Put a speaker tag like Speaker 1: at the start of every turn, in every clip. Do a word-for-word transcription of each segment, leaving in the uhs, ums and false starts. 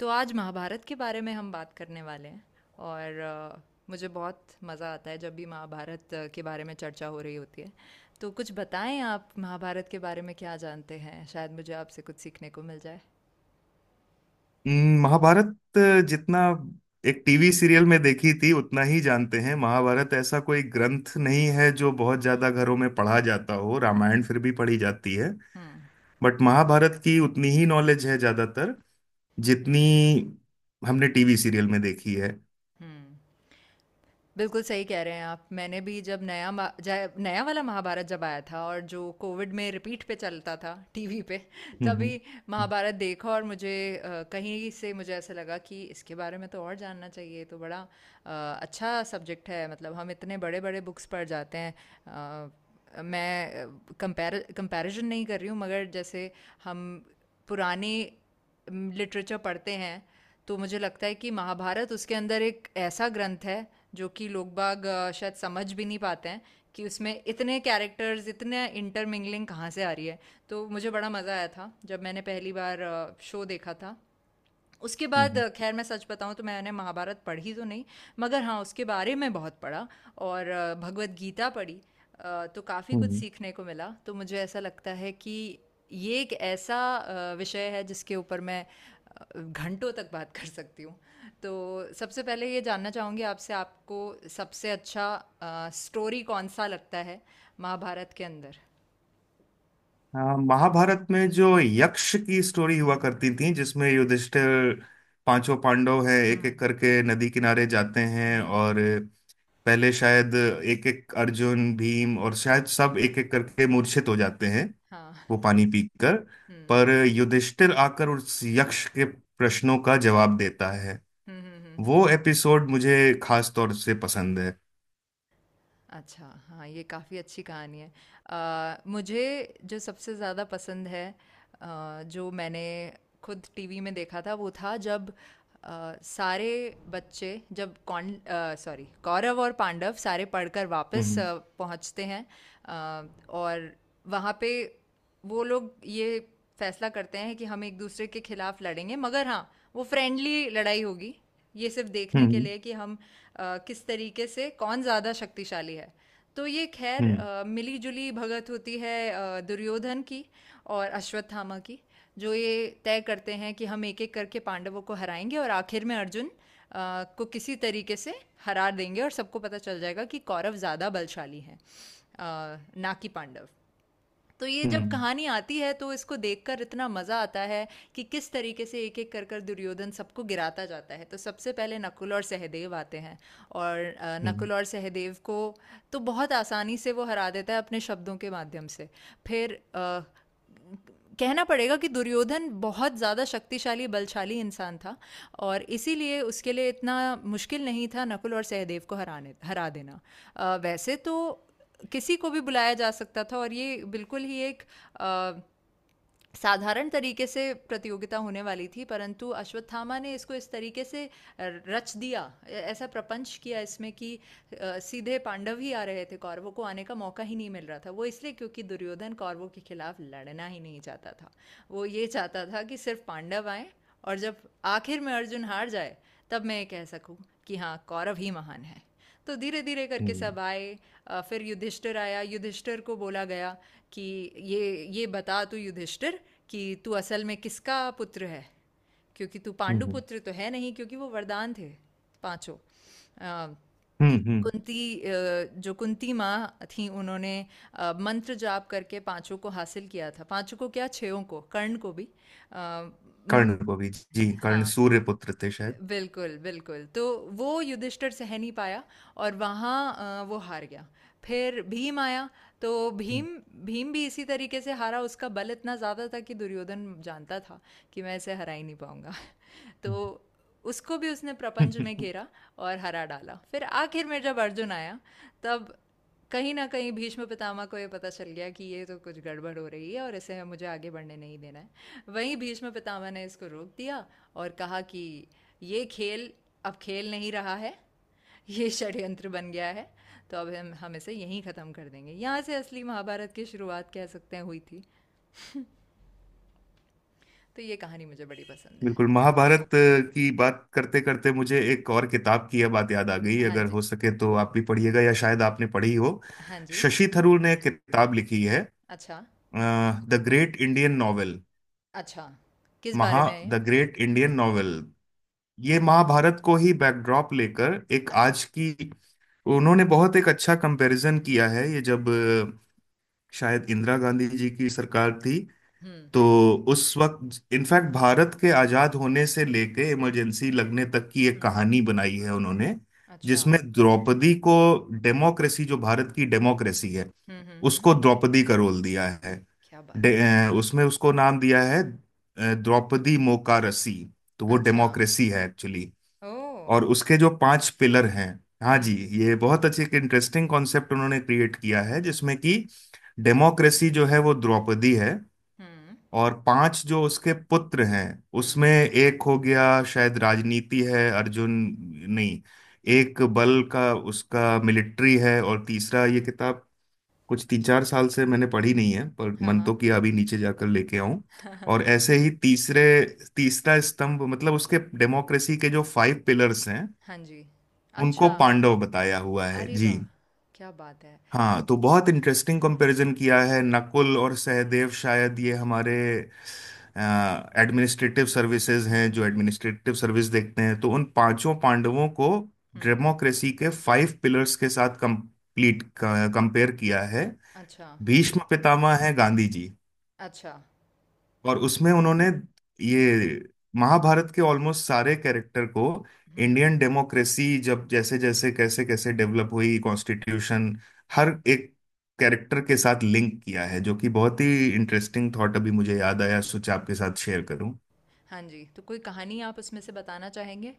Speaker 1: तो आज महाभारत के बारे में हम बात करने वाले हैं। और अ, मुझे बहुत मज़ा आता है जब भी महाभारत अ, के बारे में चर्चा हो रही होती है। तो कुछ बताएं आप महाभारत के बारे में क्या जानते हैं, शायद मुझे आपसे कुछ सीखने को मिल जाए।
Speaker 2: हम्म, महाभारत जितना एक टीवी सीरियल में देखी थी उतना ही जानते हैं। महाभारत ऐसा कोई ग्रंथ नहीं है जो बहुत ज्यादा घरों में पढ़ा जाता हो। रामायण फिर भी पढ़ी जाती है।
Speaker 1: हम्म।
Speaker 2: बट महाभारत की उतनी ही नॉलेज है ज्यादातर
Speaker 1: हम्म।
Speaker 2: जितनी हमने टीवी सीरियल में देखी है।
Speaker 1: हम्म। बिल्कुल सही कह रहे हैं आप। मैंने भी जब नया मा जाय नया वाला महाभारत जब आया था और जो कोविड में रिपीट पे चलता था टीवी पे,
Speaker 2: हम्म।
Speaker 1: तभी
Speaker 2: हम्म।
Speaker 1: महाभारत देखा। और मुझे अ, कहीं से मुझे ऐसा लगा कि इसके बारे में तो और जानना चाहिए, ये तो बड़ा अ, अच्छा सब्जेक्ट है। मतलब हम इतने बड़े-बड़े बुक्स पढ़ जाते हैं। अ, मैं कंपैर कंपैरिज़न नहीं कर रही हूँ, मगर जैसे हम पुराने लिटरेचर पढ़ते हैं तो मुझे लगता है कि महाभारत उसके अंदर एक ऐसा ग्रंथ है जो कि लोग बाग अ, शायद समझ भी नहीं पाते हैं कि उसमें इतने कैरेक्टर्स, इतने इंटरमिंगलिंग कहाँ से आ रही है। तो मुझे बड़ा मज़ा आया था जब मैंने पहली बार शो देखा था। उसके बाद
Speaker 2: हम्म।
Speaker 1: अ, खैर मैं सच बताऊँ तो मैंने महाभारत पढ़ी तो नहीं, मगर हाँ उसके बारे में बहुत पढ़ा और अ, भगवद गीता पढ़ी। अ, तो काफ़ी कुछ
Speaker 2: हम्म।
Speaker 1: सीखने को मिला, तो मुझे ऐसा लगता है कि ये एक ऐसा अ, विषय है जिसके ऊपर मैं अ, घंटों तक बात कर सकती हूँ। तो सबसे पहले ये जानना चाहूँगी आपसे, आपको सबसे अच्छा अ, स्टोरी कौन सा लगता है महाभारत के अंदर?
Speaker 2: हाँ, महाभारत में जो यक्ष की स्टोरी हुआ करती थी जिसमें युधिष्ठिर पांचों पांडव हैं, एक
Speaker 1: हम्म।
Speaker 2: एक करके नदी किनारे जाते हैं,
Speaker 1: हम्म।
Speaker 2: और पहले शायद एक एक अर्जुन, भीम, और शायद सब एक एक करके मूर्छित हो जाते हैं
Speaker 1: हाँ।
Speaker 2: वो पानी पीकर।
Speaker 1: हम्म।
Speaker 2: पर युधिष्ठिर आकर उस यक्ष के प्रश्नों का जवाब देता है।
Speaker 1: हम्म। हम्म। हम्म।
Speaker 2: वो
Speaker 1: हम्म।
Speaker 2: एपिसोड मुझे खास तौर से पसंद है।
Speaker 1: अच्छा, हाँ, ये काफ़ी अच्छी कहानी है। अ, मुझे जो सबसे ज़्यादा पसंद है, अ, जो मैंने खुद टीवी में देखा था वो था जब अ, सारे बच्चे, जब कौन सॉरी कौरव और पांडव सारे पढ़कर वापस
Speaker 2: हम्म
Speaker 1: अ, पहुंचते हैं। अ, और वहाँ पे वो लोग ये फैसला करते हैं कि हम एक दूसरे के खिलाफ लड़ेंगे, मगर हाँ वो फ्रेंडली लड़ाई होगी। ये सिर्फ देखने के
Speaker 2: हम्म
Speaker 1: लिए कि हम अ, किस तरीके से कौन ज़्यादा शक्तिशाली है। तो ये, खैर,
Speaker 2: हम्म
Speaker 1: अ, मिलीजुली भगत होती है अ, दुर्योधन की और अश्वत्थामा की, जो ये तय करते हैं कि हम एक एक करके पांडवों को हराएंगे और आखिर में अर्जुन अ, को किसी तरीके से हरा देंगे और सबको पता चल जाएगा कि कौरव ज़्यादा बलशाली हैं, अ, ना कि पांडव। तो ये जब
Speaker 2: हम्म।
Speaker 1: कहानी आती है, तो इसको देखकर इतना मजा आता है कि किस तरीके से एक एक कर कर दुर्योधन सबको गिराता जाता है। तो सबसे पहले नकुल और सहदेव आते हैं और अ,
Speaker 2: हम्म।
Speaker 1: नकुल और सहदेव को तो बहुत आसानी से वो हरा देता है अपने शब्दों के माध्यम से। फिर अ, कहना पड़ेगा कि दुर्योधन बहुत ज़्यादा शक्तिशाली बलशाली इंसान था और इसीलिए उसके लिए इतना मुश्किल नहीं था नकुल और सहदेव को हराने हरा देना। अ, वैसे तो किसी को भी बुलाया जा सकता था और ये बिल्कुल ही एक अ, साधारण तरीके से प्रतियोगिता होने वाली थी, परंतु अश्वत्थामा ने इसको इस तरीके से रच दिया, ऐ- ऐसा प्रपंच किया इसमें कि अ, सीधे पांडव ही आ रहे थे, कौरवों को आने का मौका ही नहीं मिल रहा था, वो इसलिए क्योंकि दुर्योधन कौरवों के खिलाफ लड़ना ही नहीं चाहता था। वो ये चाहता था कि सिर्फ पांडव आए और जब आखिर में अर्जुन हार जाए, तब मैं ये कह सकूं कि हाँ कौरव ही महान है। तो धीरे धीरे करके
Speaker 2: हम्म।
Speaker 1: सब आए। अ, फिर युधिष्ठिर आया, युधिष्ठिर को बोला गया कि ये ये बता तू युधिष्ठिर कि तू असल में किसका पुत्र है, क्योंकि तू
Speaker 2: हम्म।
Speaker 1: पांडु
Speaker 2: हम्म, हम्म,
Speaker 1: पुत्र तो है नहीं, क्योंकि वो वरदान थे। पांचों, अ,
Speaker 2: हम्म, हम्म,
Speaker 1: कुंती, अ, जो कुंती माँ थी, उन्होंने अ, मंत्र जाप करके पांचों को हासिल किया था। पांचों को क्या, छयों को, कर्ण को भी। अ,
Speaker 2: कर्ण
Speaker 1: म,
Speaker 2: को भी जी। कर्ण
Speaker 1: हाँ,
Speaker 2: सूर्य पुत्र थे शायद।
Speaker 1: बिल्कुल बिल्कुल। तो वो युधिष्ठिर सह नहीं पाया और वहाँ अ, वो हार गया। फिर भीम आया, तो भीम
Speaker 2: हम्म,
Speaker 1: भीम भी इसी तरीके से हारा। उसका बल इतना ज़्यादा था कि दुर्योधन जानता था कि मैं इसे हरा ही नहीं पाऊंगा।
Speaker 2: हम्म,
Speaker 1: तो उसको भी उसने
Speaker 2: हम्म,
Speaker 1: प्रपंच में
Speaker 2: हम्म,
Speaker 1: घेरा और हरा डाला। फिर आखिर में जब अर्जुन आया, तब कहीं ना कहीं भीष्म पितामह को ये पता चल गया कि ये तो कुछ गड़बड़ हो रही है और इसे मुझे आगे बढ़ने नहीं देना है। वहीं भीष्म पितामह ने इसको रोक दिया और कहा कि ये खेल अब खेल नहीं रहा है, ये षड्यंत्र बन गया है। तो अब हम हम इसे यहीं ख़त्म कर देंगे। यहाँ से असली महाभारत की शुरुआत कह सकते हैं हुई थी। तो ये कहानी मुझे बड़ी पसंद है।
Speaker 2: बिल्कुल। महाभारत अ, की बात करते करते मुझे एक और किताब की यह बात याद आ गई।
Speaker 1: हाँ
Speaker 2: अगर
Speaker 1: जी।
Speaker 2: हो सके तो आप भी पढ़िएगा या शायद आपने पढ़ी हो।
Speaker 1: हाँ जी।
Speaker 2: शशि थरूर ने एक किताब लिखी है।
Speaker 1: अच्छा।
Speaker 2: The great Indian novel.
Speaker 1: अच्छा। किस बारे
Speaker 2: महा
Speaker 1: में है ये?
Speaker 2: द ग्रेट इंडियन नॉवेल, ये महाभारत को ही बैकड्रॉप लेकर एक
Speaker 1: अच्छा।
Speaker 2: आज की, उन्होंने बहुत एक अच्छा कंपैरिजन किया है। ये जब अ, शायद इंदिरा गांधी जी की सरकार थी
Speaker 1: हम्म।
Speaker 2: तो उस वक्त, इनफैक्ट भारत के आजाद होने से लेके इमरजेंसी लगने तक की एक
Speaker 1: हम्म।
Speaker 2: कहानी बनाई है उन्होंने।
Speaker 1: अच्छा।
Speaker 2: जिसमें द्रौपदी को, डेमोक्रेसी जो भारत की डेमोक्रेसी है,
Speaker 1: हम्म। हम्म। हम्म।
Speaker 2: उसको द्रौपदी का रोल दिया है।
Speaker 1: क्या बात
Speaker 2: डे-
Speaker 1: है!
Speaker 2: अ, उसमें उसको नाम दिया है, अ, द्रौपदी मोकारसी। तो वो
Speaker 1: अच्छा।
Speaker 2: डेमोक्रेसी है एक्चुअली।
Speaker 1: ओह।
Speaker 2: और उसके जो पांच पिलर हैं। हाँ जी।
Speaker 1: हम्म।
Speaker 2: ये बहुत अच्छे एक इंटरेस्टिंग कॉन्सेप्ट उन्होंने क्रिएट किया है
Speaker 1: हम्म।
Speaker 2: जिसमें कि डेमोक्रेसी जो है वो द्रौपदी है।
Speaker 1: हम्म।
Speaker 2: और पांच जो उसके पुत्र हैं उसमें
Speaker 1: हम्म।
Speaker 2: एक हो गया शायद राजनीति है, अर्जुन। नहीं, एक बल का, उसका मिलिट्री है। और तीसरा, ये किताब कुछ तीन चार साल से मैंने पढ़ी नहीं है पर
Speaker 1: हाँ।
Speaker 2: मन तो
Speaker 1: हाँ।
Speaker 2: किया अभी नीचे जाकर लेके आऊं। और ऐसे ही तीसरे तीसरा स्तंभ, मतलब उसके डेमोक्रेसी के जो फाइव पिलर्स हैं
Speaker 1: हाँ जी।
Speaker 2: उनको
Speaker 1: अच्छा।
Speaker 2: पांडव बताया हुआ है
Speaker 1: अरे
Speaker 2: जी।
Speaker 1: वाह! क्या बात है!
Speaker 2: हाँ, तो बहुत इंटरेस्टिंग कंपैरिजन किया है। नकुल और सहदेव शायद ये हमारे एडमिनिस्ट्रेटिव सर्विसेज हैं, जो
Speaker 1: हम्म।
Speaker 2: एडमिनिस्ट्रेटिव सर्विस देखते हैं। तो उन पांचों पांडवों को
Speaker 1: हम्म।
Speaker 2: डेमोक्रेसी के फाइव पिलर्स के साथ कंप्लीट कंपेयर किया है।
Speaker 1: अच्छा।
Speaker 2: भीष्म पितामह है गांधी जी।
Speaker 1: अच्छा।
Speaker 2: और उसमें उन्होंने ये महाभारत के ऑलमोस्ट सारे कैरेक्टर को
Speaker 1: हम्म।
Speaker 2: इंडियन डेमोक्रेसी जब जैसे जैसे कैसे कैसे डेवलप हुई, कॉन्स्टिट्यूशन, हर एक कैरेक्टर के साथ लिंक किया है, जो कि बहुत ही इंटरेस्टिंग थॉट अभी मुझे याद आया, सोचा आपके साथ शेयर करूं।
Speaker 1: हाँ जी, तो कोई कहानी आप उसमें से बताना चाहेंगे?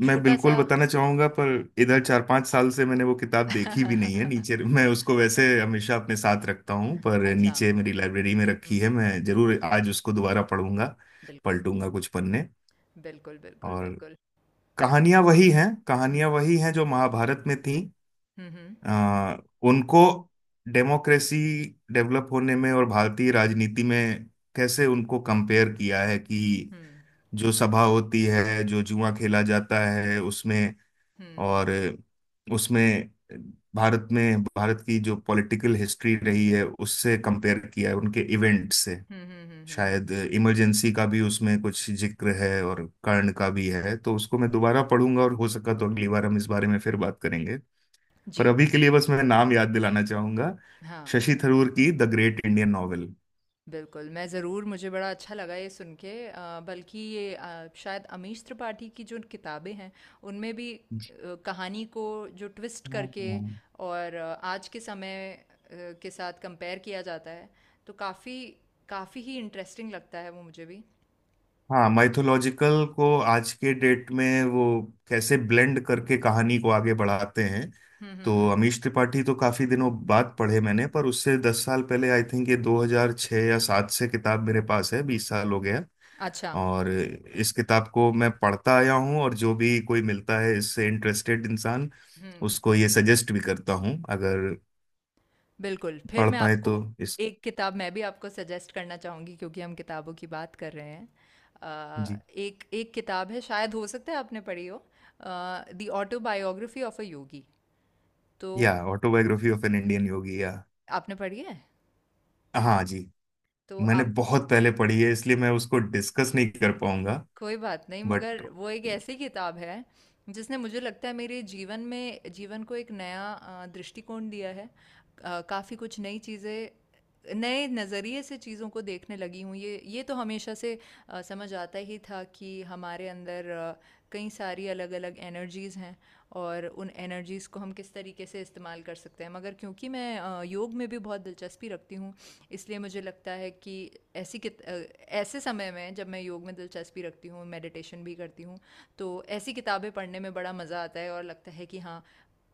Speaker 2: मैं
Speaker 1: छोटा
Speaker 2: बिल्कुल
Speaker 1: सा।
Speaker 2: बताना चाहूंगा पर
Speaker 1: हाँ।
Speaker 2: इधर चार पांच साल से मैंने वो किताब देखी भी नहीं है। नीचे मैं उसको वैसे हमेशा अपने साथ रखता हूँ पर
Speaker 1: अच्छा।
Speaker 2: नीचे मेरी लाइब्रेरी में रखी
Speaker 1: हम्म।
Speaker 2: है। मैं जरूर आज उसको दोबारा पढ़ूंगा।
Speaker 1: बिल्कुल,
Speaker 2: पलटूंगा कुछ पन्ने।
Speaker 1: बिल्कुल, बिल्कुल,
Speaker 2: और
Speaker 1: बिल्कुल।
Speaker 2: कहानियां वही हैं, कहानियां
Speaker 1: हम्म।
Speaker 2: वही हैं जो महाभारत में थी।
Speaker 1: हम्म।
Speaker 2: आ, उनको डेमोक्रेसी डेवलप होने में और भारतीय राजनीति में कैसे उनको कंपेयर किया है कि
Speaker 1: हम्म।
Speaker 2: जो सभा होती है, जो जुआ खेला जाता है, उसमें,
Speaker 1: हम्म।
Speaker 2: और उसमें भारत में भारत की जो पॉलिटिकल हिस्ट्री रही है उससे कंपेयर किया है उनके इवेंट से।
Speaker 1: हम्म। हम्म। हम्म। हम्म, हम्म,
Speaker 2: शायद इमरजेंसी का भी उसमें कुछ जिक्र है और कर्ण का भी है। तो उसको मैं दोबारा पढ़ूंगा और हो सका तो अगली बार हम इस बारे में फिर बात करेंगे। पर
Speaker 1: जी।
Speaker 2: अभी के लिए बस मैं नाम याद दिलाना चाहूंगा,
Speaker 1: हाँ,
Speaker 2: शशि थरूर की द ग्रेट इंडियन नॉवेल।
Speaker 1: बिल्कुल, मैं ज़रूर। मुझे बड़ा अच्छा लगा ये सुन के। अ, बल्कि ये, अ, शायद अमीश त्रिपाठी की जो किताबें हैं, उनमें भी अ, कहानी को जो ट्विस्ट करके
Speaker 2: हाँ।
Speaker 1: और अ, आज के समय अ, के साथ कंपेयर किया जाता है, तो काफ़ी काफ़ी ही इंटरेस्टिंग लगता है वो मुझे भी।
Speaker 2: हाँ, माइथोलॉजिकल को आज के डेट में वो कैसे ब्लेंड करके कहानी को आगे बढ़ाते हैं।
Speaker 1: हुँ, हुँ,
Speaker 2: तो
Speaker 1: हुँ।
Speaker 2: अमीश त्रिपाठी तो काफी दिनों बाद पढ़े मैंने पर उससे दस साल पहले, आई थिंक ये दो हज़ार छह या सात से किताब मेरे पास है। बीस साल हो गया।
Speaker 1: अच्छा।
Speaker 2: और इस किताब को मैं पढ़ता आया हूँ और जो भी कोई मिलता है इससे इंटरेस्टेड इंसान,
Speaker 1: हुँ।
Speaker 2: उसको ये सजेस्ट भी करता हूँ अगर
Speaker 1: बिल्कुल, फिर
Speaker 2: पढ़
Speaker 1: मैं
Speaker 2: पाए
Speaker 1: आपको
Speaker 2: तो इस।
Speaker 1: एक किताब मैं भी आपको सजेस्ट करना चाहूँगी, क्योंकि हम किताबों की बात कर रहे हैं। अ,
Speaker 2: जी।
Speaker 1: एक एक किताब है, शायद हो सकता है आपने पढ़ी हो। Uh, the autobiography of a yogi. तो
Speaker 2: या autobiography of an Indian yogi, या?
Speaker 1: आपने पढ़ी है?
Speaker 2: हाँ जी।
Speaker 1: तो
Speaker 2: मैंने
Speaker 1: आप।
Speaker 2: बहुत पहले पढ़ी है इसलिए मैं उसको डिस्कस नहीं कर पाऊंगा।
Speaker 1: कोई बात नहीं,
Speaker 2: बट।
Speaker 1: मगर वो एक ऐसी किताब है जिसने, मुझे लगता है, मेरे जीवन में जीवन को एक नया अ, दृष्टिकोण दिया है। अ, काफ़ी कुछ नई चीज़ें नए नज़रिए से चीज़ों को देखने लगी हूँ। ये ये तो हमेशा से अ, समझ आता ही था कि हमारे अंदर अ, कई सारी अलग अलग एनर्जीज़ हैं, और उन एनर्जीज़ को हम किस तरीके से इस्तेमाल कर सकते हैं, मगर क्योंकि मैं अ, योग में भी बहुत दिलचस्पी रखती हूँ, इसलिए मुझे लगता है कि ऐसी कित अ, ऐसे समय में जब मैं योग में दिलचस्पी रखती हूँ, मेडिटेशन भी करती हूँ, तो ऐसी किताबें पढ़ने में बड़ा मज़ा आता है और लगता है कि हाँ,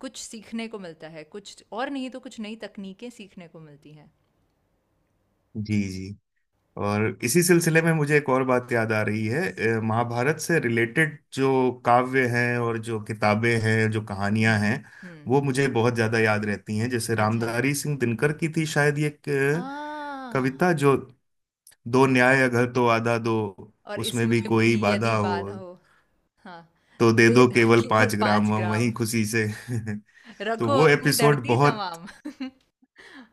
Speaker 1: कुछ सीखने को मिलता है, कुछ और नहीं तो कुछ नई तकनीकें सीखने को मिलती हैं।
Speaker 2: जी जी। और इसी सिलसिले में मुझे एक और बात याद आ रही है। अ, महाभारत से रिलेटेड जो काव्य हैं और जो किताबें हैं, जो कहानियां
Speaker 1: हम्म।
Speaker 2: हैं,
Speaker 1: हम्म।
Speaker 2: वो मुझे बहुत ज्यादा याद रहती हैं। जैसे
Speaker 1: अच्छा।
Speaker 2: रामधारी सिंह दिनकर की थी शायद ये एक
Speaker 1: आ
Speaker 2: अ, कविता, जो, दो न्याय अगर तो आधा दो,
Speaker 1: और
Speaker 2: उसमें
Speaker 1: इसमें
Speaker 2: भी
Speaker 1: भी
Speaker 2: कोई
Speaker 1: यदि
Speaker 2: बाधा हो
Speaker 1: बाधा हो। हाँ।
Speaker 2: तो
Speaker 1: तो
Speaker 2: दे
Speaker 1: दे
Speaker 2: दो
Speaker 1: दो
Speaker 2: केवल
Speaker 1: केवल
Speaker 2: पांच
Speaker 1: पाँच
Speaker 2: ग्राम हम वही
Speaker 1: ग्राम
Speaker 2: खुशी से तो
Speaker 1: रखो
Speaker 2: वो
Speaker 1: अपनी
Speaker 2: एपिसोड
Speaker 1: धरती
Speaker 2: बहुत।
Speaker 1: तमाम।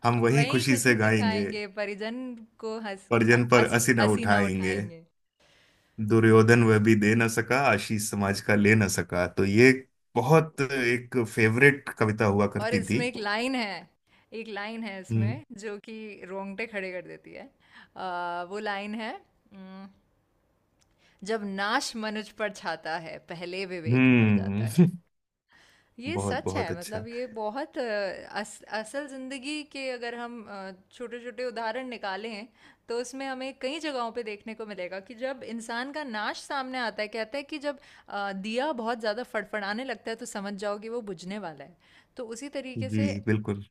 Speaker 2: हम
Speaker 1: हम
Speaker 2: वही
Speaker 1: वहीं
Speaker 2: खुशी
Speaker 1: खुशी
Speaker 2: से
Speaker 1: से
Speaker 2: गाएंगे,
Speaker 1: खाएंगे, परिजन को हंस क्या
Speaker 2: परजन पर
Speaker 1: हंसी
Speaker 2: असी न
Speaker 1: हंसी ना
Speaker 2: उठाएंगे।
Speaker 1: उठाएंगे।
Speaker 2: दुर्योधन वह भी दे न सका, आशीष समाज का ले न सका। तो ये बहुत एक फेवरेट कविता हुआ
Speaker 1: और
Speaker 2: करती थी।
Speaker 1: इसमें एक लाइन है, एक लाइन है
Speaker 2: हम्म।
Speaker 1: इसमें जो कि रोंगटे खड़े कर देती है। आ, वो लाइन है, "उम, जब नाश मनुज पर छाता है, पहले विवेक मर
Speaker 2: हम्म।
Speaker 1: जाता। ये
Speaker 2: बहुत
Speaker 1: सच है,
Speaker 2: बहुत अच्छा।
Speaker 1: मतलब ये बहुत अ, अस, असल जिंदगी के अगर हम छोटे छोटे उदाहरण निकालें, तो उसमें हमें कई जगहों पे देखने को मिलेगा कि जब इंसान का नाश सामने आता है, कहते हैं कि जब अ, दिया बहुत ज़्यादा फड़फड़ाने लगता है, तो समझ जाओ कि वो बुझने वाला है। तो उसी तरीके
Speaker 2: जी
Speaker 1: से।
Speaker 2: बिल्कुल।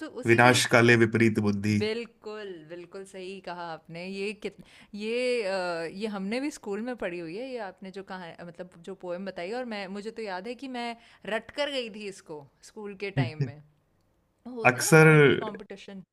Speaker 1: तो उसी
Speaker 2: विनाश
Speaker 1: तरीके से।
Speaker 2: काले विपरीत बुद्धि।
Speaker 1: बिल्कुल बिल्कुल सही कहा आपने। ये कित ये अ, ये हमने भी स्कूल में पढ़ी हुई है, ये आपने जो कहा, मतलब जो पोएम बताई। और मैं मुझे तो याद है कि मैं रट कर गई थी इसको, स्कूल के टाइम में। होता है ना
Speaker 2: अक्सर
Speaker 1: पोएट्री कंपटीशन।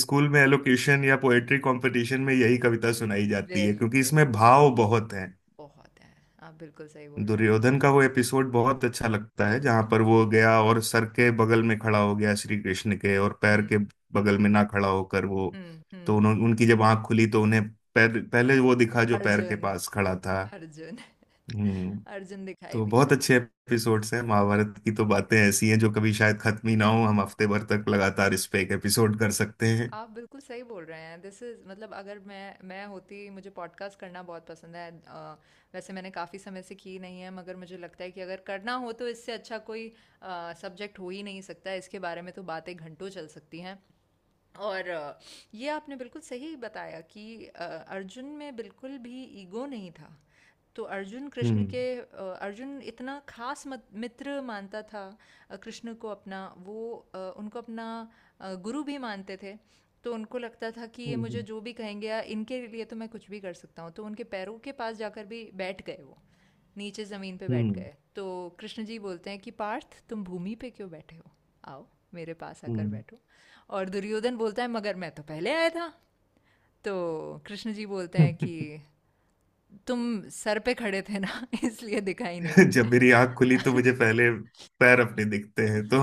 Speaker 2: स्कूल में एलोकेशन या पोएट्री कंपटीशन में यही कविता सुनाई जाती है क्योंकि
Speaker 1: बिल्कुल।
Speaker 2: इसमें भाव बहुत हैं।
Speaker 1: बहुत है। आप बिल्कुल सही बोल रहे हैं।
Speaker 2: दुर्योधन का वो एपिसोड बहुत अच्छा लगता है जहां पर वो गया और सर के बगल में खड़ा हो गया श्री कृष्ण के, और पैर
Speaker 1: हम्म।
Speaker 2: के बगल में ना खड़ा होकर वो।
Speaker 1: हम्म।
Speaker 2: तो
Speaker 1: हम्म।
Speaker 2: उन्हों उनकी जब आंख खुली तो उन्हें पैर पहले वो दिखा जो पैर के
Speaker 1: अर्जुन।
Speaker 2: पास खड़ा था।
Speaker 1: अर्जुन।
Speaker 2: हम्म।
Speaker 1: अर्जुन दिखाई
Speaker 2: तो
Speaker 1: दिया।
Speaker 2: बहुत अच्छे एपिसोड्स हैं महाभारत की। तो बातें ऐसी हैं जो कभी शायद खत्म ही ना हो, हम हफ्ते भर तक लगातार इस पे एक एपिसोड कर सकते हैं।
Speaker 1: आप बिल्कुल सही बोल रहे हैं। दिस इज़, मतलब, अगर मैं मैं होती, मुझे पॉडकास्ट करना बहुत पसंद है। अ, वैसे मैंने काफ़ी समय से की नहीं है, मगर मुझे लगता है कि अगर करना हो तो इससे अच्छा कोई सब्जेक्ट हो ही नहीं सकता। इसके बारे में तो बातें घंटों चल सकती हैं। और अ, ये आपने बिल्कुल सही बताया कि अ, अर्जुन में बिल्कुल भी ईगो नहीं था। तो अर्जुन कृष्ण
Speaker 2: हम्म।
Speaker 1: के, अ, अर्जुन इतना खास मत- मित्र मानता था। अ, कृष्ण को अपना वो, अ, उनको अपना अ, गुरु भी मानते थे। तो उनको लगता था कि ये मुझे
Speaker 2: हम्म।
Speaker 1: जो भी कहेंगे, या इनके लिए तो मैं कुछ भी कर सकता हूँ, तो उनके पैरों के पास जाकर भी बैठ गए वो, नीचे ज़मीन पे बैठ
Speaker 2: हम्म।
Speaker 1: गए। तो कृष्ण जी बोलते हैं कि पार्थ तुम भूमि पे क्यों बैठे हो? आओ, मेरे पास आकर
Speaker 2: हम्म।
Speaker 1: बैठो। और दुर्योधन बोलता है, मगर मैं तो पहले आया था। तो कृष्ण जी बोलते हैं कि तुम सर पे खड़े थे ना इसलिए दिखाई नहीं
Speaker 2: जब मेरी आंख खुली
Speaker 1: दिया।
Speaker 2: तो मुझे पहले पैर
Speaker 1: हाँ।
Speaker 2: अपने दिखते हैं, तो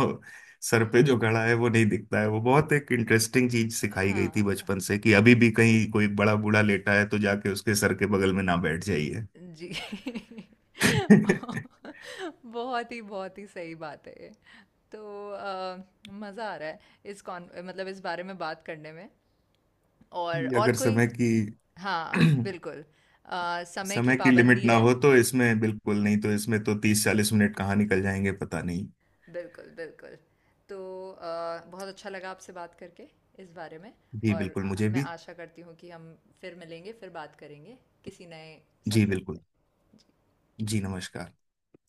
Speaker 2: सर पे जो घड़ा है वो नहीं दिखता है। वो बहुत एक इंटरेस्टिंग चीज सिखाई गई थी
Speaker 1: हाँ,
Speaker 2: बचपन से, कि अभी भी कहीं कोई बड़ा बूढ़ा लेटा है तो जाके उसके सर के बगल में ना बैठ जाइए।
Speaker 1: जी।
Speaker 2: ये,
Speaker 1: बहुत ही बहुत ही सही बात है ये। तो मज़ा आ रहा है इस कॉन मतलब इस बारे में बात करने में। और और
Speaker 2: अगर
Speaker 1: कोई?
Speaker 2: समय की
Speaker 1: हाँ, बिल्कुल। अ, समय की
Speaker 2: समय की लिमिट
Speaker 1: पाबंदी
Speaker 2: ना
Speaker 1: है।
Speaker 2: हो तो इसमें बिल्कुल, नहीं तो इसमें तो तीस चालीस मिनट कहाँ निकल जाएंगे पता नहीं।
Speaker 1: बिल्कुल बिल्कुल। तो अ, बहुत अच्छा लगा आपसे बात करके, इस बारे में।
Speaker 2: जी
Speaker 1: और
Speaker 2: बिल्कुल,
Speaker 1: अ,
Speaker 2: मुझे
Speaker 1: मैं
Speaker 2: भी।
Speaker 1: आशा करती हूँ कि हम फिर मिलेंगे, फिर बात करेंगे किसी नए
Speaker 2: जी
Speaker 1: सब्जेक्ट
Speaker 2: बिल्कुल।
Speaker 1: पे।
Speaker 2: जी, नमस्कार।